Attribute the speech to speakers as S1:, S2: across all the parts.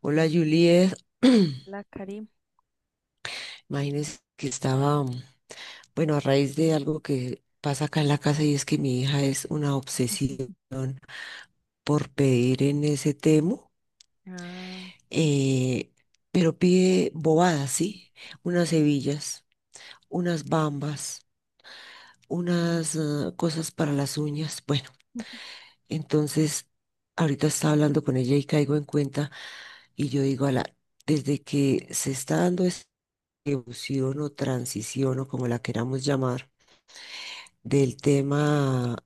S1: Hola Juliet,
S2: La Karim.
S1: imagínense que estaba, bueno, a raíz de algo que pasa acá en la casa y es que mi hija es una obsesiva por pedir en ese temo,
S2: Ah,
S1: eh, pero pide bobadas, ¿sí? Unas hebillas, unas bambas, unas cosas para las uñas. Bueno, entonces ahorita estaba hablando con ella y caigo en cuenta y yo digo, la desde que se está dando esta evolución o transición o como la queramos llamar, del tema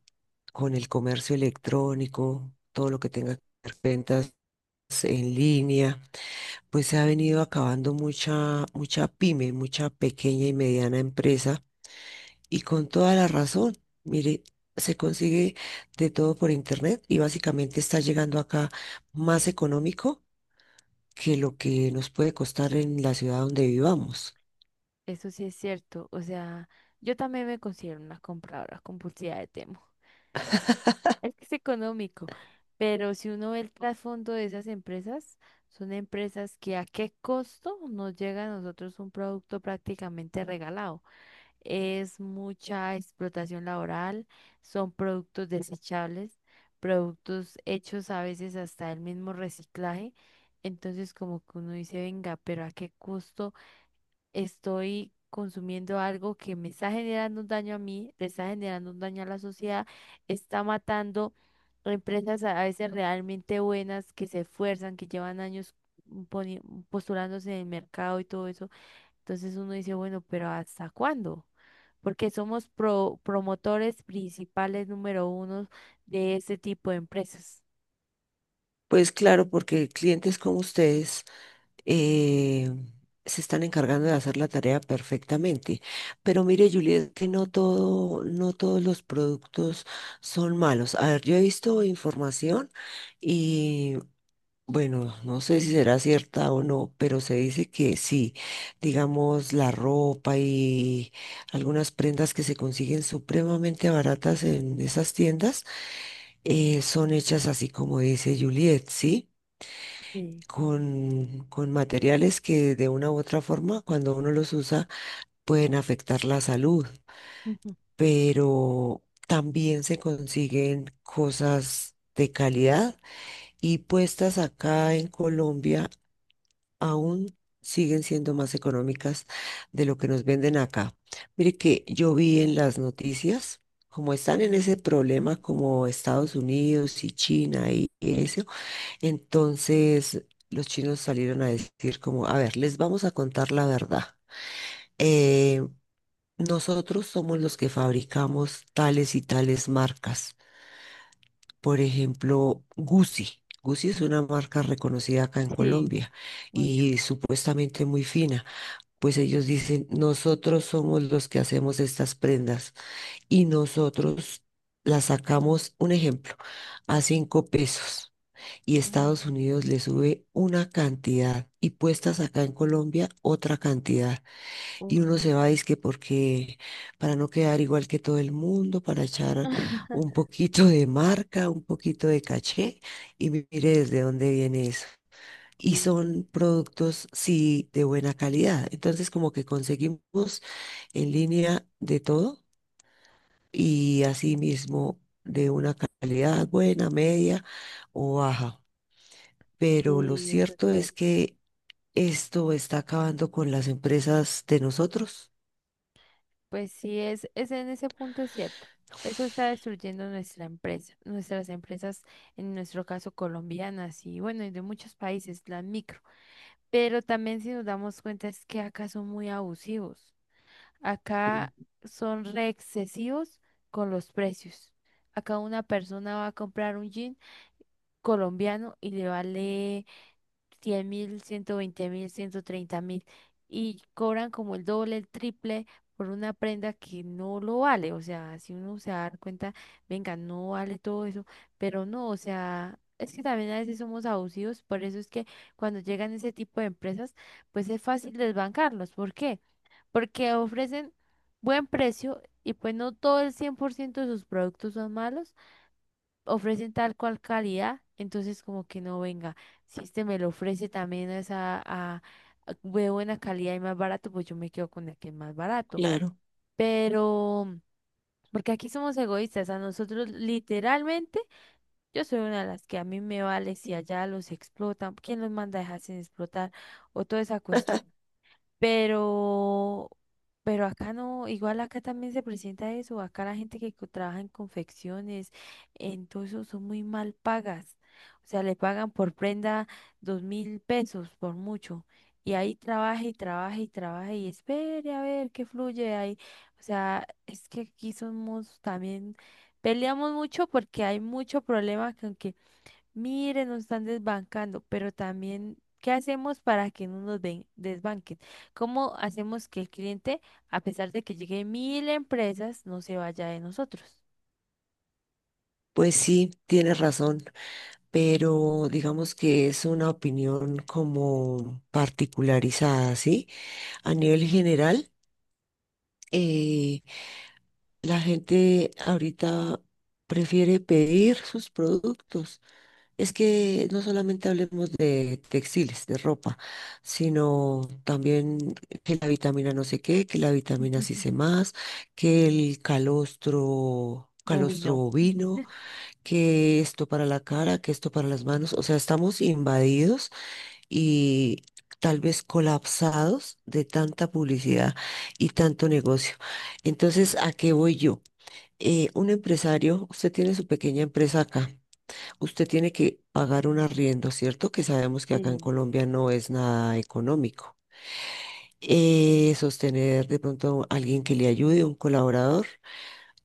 S1: con el comercio electrónico, todo lo que tenga que ver ventas en línea, pues se ha venido acabando mucha, mucha pyme, mucha pequeña y mediana empresa, y con toda la razón. Mire, se consigue de todo por internet y básicamente está llegando acá más económico que lo que nos puede costar en la ciudad donde vivamos.
S2: eso sí es cierto. O sea, yo también me considero una compradora compulsiva de Temo. Es que es económico, pero si uno ve el trasfondo de esas empresas, son empresas que a qué costo nos llega a nosotros un producto prácticamente regalado. Es mucha explotación laboral, son productos desechables, productos hechos a veces hasta el mismo reciclaje. Entonces como que uno dice, venga, pero ¿a qué costo? Estoy consumiendo algo que me está generando un daño a mí, le está generando un daño a la sociedad, está matando empresas a veces realmente buenas que se esfuerzan, que llevan años poni- postulándose en el mercado y todo eso. Entonces uno dice, bueno, pero ¿hasta cuándo? Porque somos promotores principales número uno de este tipo de empresas.
S1: Pues claro, porque clientes como ustedes eh, se están encargando de hacer la tarea perfectamente. Pero mire, Juliet, que no todo, no todos los productos son malos. A ver, yo he visto información y bueno, no sé si será cierta o no, pero se dice que sí, digamos, la ropa y algunas prendas que se consiguen supremamente baratas en esas tiendas son hechas así como dice Juliet, ¿sí?
S2: Sí,
S1: Con materiales que de una u otra forma, cuando uno los usa, pueden afectar la salud,
S2: ujú,
S1: pero también se consiguen cosas de calidad y puestas acá en Colombia aún siguen siendo más económicas de lo que nos venden acá. Mire que yo vi en las noticias, como están en ese problema como Estados Unidos y China y eso, entonces los chinos salieron a decir como, a ver, les vamos a contar la verdad. Eh, Nosotros somos los que fabricamos tales y tales marcas. Por ejemplo, Gucci. Gucci es una marca reconocida acá en
S2: sí,
S1: Colombia
S2: mucho.
S1: y supuestamente muy fina. Pues ellos dicen, nosotros somos los que hacemos estas prendas y nosotros las sacamos, un ejemplo, a cinco pesos y
S2: Ah,
S1: Estados Unidos le sube una cantidad y puestas acá en Colombia otra cantidad. Y
S2: uy.
S1: uno se va, es que porque para no quedar igual que todo el mundo, para echar un poquito de marca, un poquito de caché y mire desde dónde viene eso. Y
S2: Sí, sí.
S1: son productos, sí, de buena calidad. Entonces, como que conseguimos en línea de todo y así mismo de una calidad buena, media o baja, pero lo
S2: Sí, eso es
S1: cierto es
S2: cierto.
S1: que esto está acabando con las empresas de nosotros.
S2: Pues sí, es en ese punto es cierto. Eso está destruyendo nuestra empresa, nuestras empresas, en nuestro caso colombianas y bueno, y de muchos países, las micro. Pero también si nos damos cuenta es que acá son muy abusivos.
S1: Mm.
S2: Acá son re excesivos con los precios. Acá una persona va a comprar un jean colombiano y le vale 100.000, 120.000, 130.000 y cobran como el doble, el triple por una prenda que no lo vale. O sea, si uno se da cuenta, venga, no vale todo eso, pero no, o sea, es que también a veces somos abusivos, por eso es que cuando llegan ese tipo de empresas, pues es fácil desbancarlos. ¿Por qué? Porque ofrecen buen precio y pues no todo el 100% de sus productos son malos, ofrecen tal cual calidad, entonces como que no venga. Si este me lo ofrece también a esa de buena calidad y más barato, pues yo me quedo con el que es más barato.
S1: Claro.
S2: Pero, porque aquí somos egoístas, a nosotros literalmente, yo soy una de las que a mí me vale si allá los explotan, ¿quién los manda a dejarse explotar? O toda esa cuestión. Pero, pero acá no, igual acá también se presenta eso, acá la gente que trabaja en confecciones, en todo eso son muy mal pagas. O sea, le pagan por prenda 2.000 pesos por mucho. Y ahí trabaja y trabaja y trabaja y espere a ver qué fluye ahí. O sea, es que aquí somos también, peleamos mucho porque hay mucho problema con. Miren, nos están desbancando, pero también, ¿qué hacemos para que no nos desbanquen? ¿Cómo hacemos que el cliente, a pesar de que llegue mil empresas, no se vaya de nosotros?
S1: Pues sí, tienes razón, pero digamos que es una opinión como particularizada, ¿sí? A nivel general, eh, la gente ahorita prefiere pedir sus productos. Es que no solamente hablemos de textiles, de ropa, sino también que la vitamina no sé qué, que la vitamina sí sé más, que el calostro, calostro
S2: Bovino.
S1: bovino, que esto para la cara, que esto para las manos. O sea, estamos invadidos y tal vez colapsados de tanta publicidad y tanto negocio. Entonces, ¿a qué voy yo? Un empresario, usted tiene su pequeña empresa acá, usted tiene que pagar un arriendo, ¿cierto? Que sabemos que acá en
S2: Sí.
S1: Colombia no es nada económico. Sostener de pronto a alguien que le ayude, un colaborador,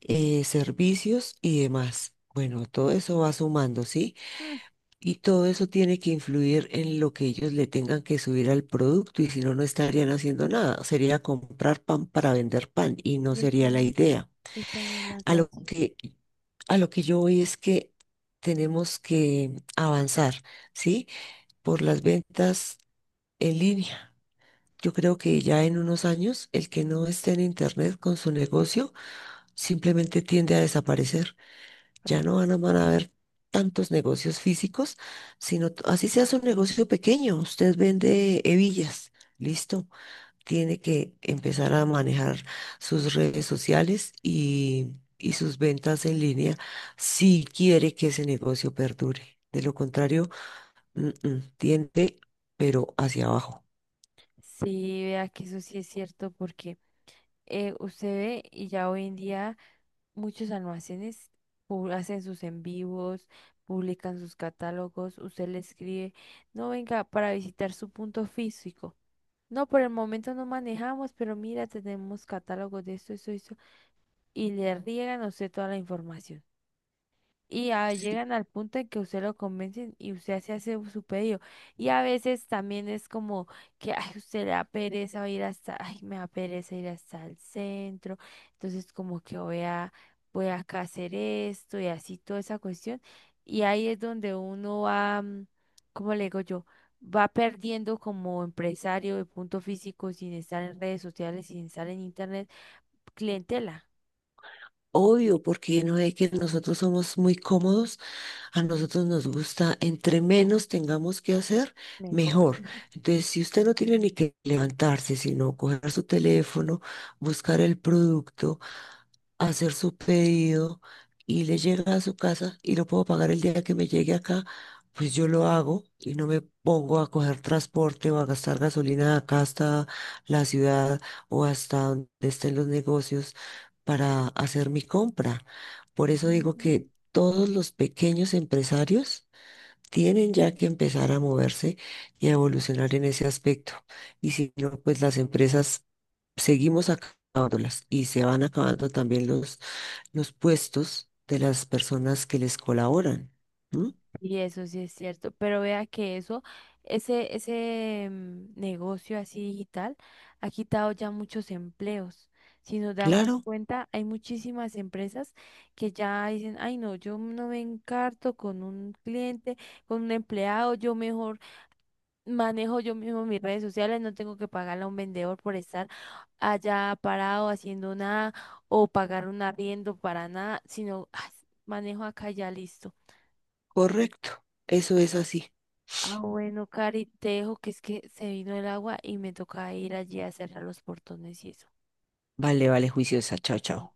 S1: servicios y demás. Bueno, todo eso va sumando, ¿sí?
S2: Mm.
S1: Y todo eso tiene que influir en lo que ellos le tengan que subir al producto y si no, no estarían haciendo nada. Sería comprar pan para vender pan y no
S2: Y esta
S1: sería la
S2: es,
S1: idea.
S2: esta es la
S1: A lo
S2: gracia,
S1: que, a lo que yo voy es que tenemos que avanzar, ¿sí? Por las ventas en línea. Yo creo que ya en unos años el que no esté en Internet con su negocio simplemente tiende a desaparecer. Ya no van
S2: fracaso.
S1: a, van a haber tantos negocios físicos, sino así sea un negocio pequeño. Usted vende hebillas, listo. Tiene que empezar a manejar sus redes sociales y sus ventas en línea si quiere que ese negocio perdure. De lo contrario, tiende, pero hacia abajo.
S2: Sí, vea que eso sí es cierto porque usted ve y ya hoy en día... Muchos almacenes hacen sus en vivos, publican sus catálogos, usted le escribe, no venga para visitar su punto físico. No, por el momento no manejamos, pero mira, tenemos catálogos de esto, eso, y le riegan a usted toda la información. Y ah,
S1: Sí.
S2: llegan al punto en que usted lo convencen y usted se hace su pedido. Y a veces también es como que ay, usted le da pereza ir hasta, ay, me da pereza ir hasta el centro. Entonces como que voy acá a hacer esto y así toda esa cuestión. Y ahí es donde uno va, ¿cómo le digo yo? Va perdiendo como empresario de punto físico sin estar en redes sociales, sin estar en internet, clientela.
S1: Obvio, porque no es que nosotros somos muy cómodos, a nosotros nos gusta, entre menos tengamos que hacer,
S2: Mejor.
S1: mejor. Entonces, si usted no tiene ni que levantarse, sino coger su teléfono, buscar el producto, hacer su pedido y le llega a su casa y lo puedo pagar el día que me llegue acá, pues yo lo hago y no me pongo a coger transporte o a gastar gasolina acá hasta la ciudad o hasta donde estén los negocios para hacer mi compra. Por eso digo
S2: Ujú.
S1: que todos los pequeños empresarios tienen ya que empezar a moverse y a evolucionar en ese aspecto. Y si no, pues las empresas seguimos acabándolas y se van acabando también los puestos de las personas que les colaboran. ¿No?
S2: Y eso sí es cierto, pero vea que eso, ese negocio así digital ha quitado ya muchos empleos. Si nos damos
S1: Claro,
S2: cuenta, hay muchísimas empresas que ya dicen, ay no, yo no me encarto con un cliente, con un empleado, yo mejor manejo yo mismo mis redes sociales, no tengo que pagarle a un vendedor por estar allá parado haciendo nada o pagar un arriendo para nada, sino "Ah, manejo acá y ya listo".
S1: correcto. Eso es así.
S2: Ah, bueno, Cari, te dejo que es que se vino el agua y me toca ir allí a cerrar los portones y eso.
S1: Vale, vale, juiciosa. Chao, chao.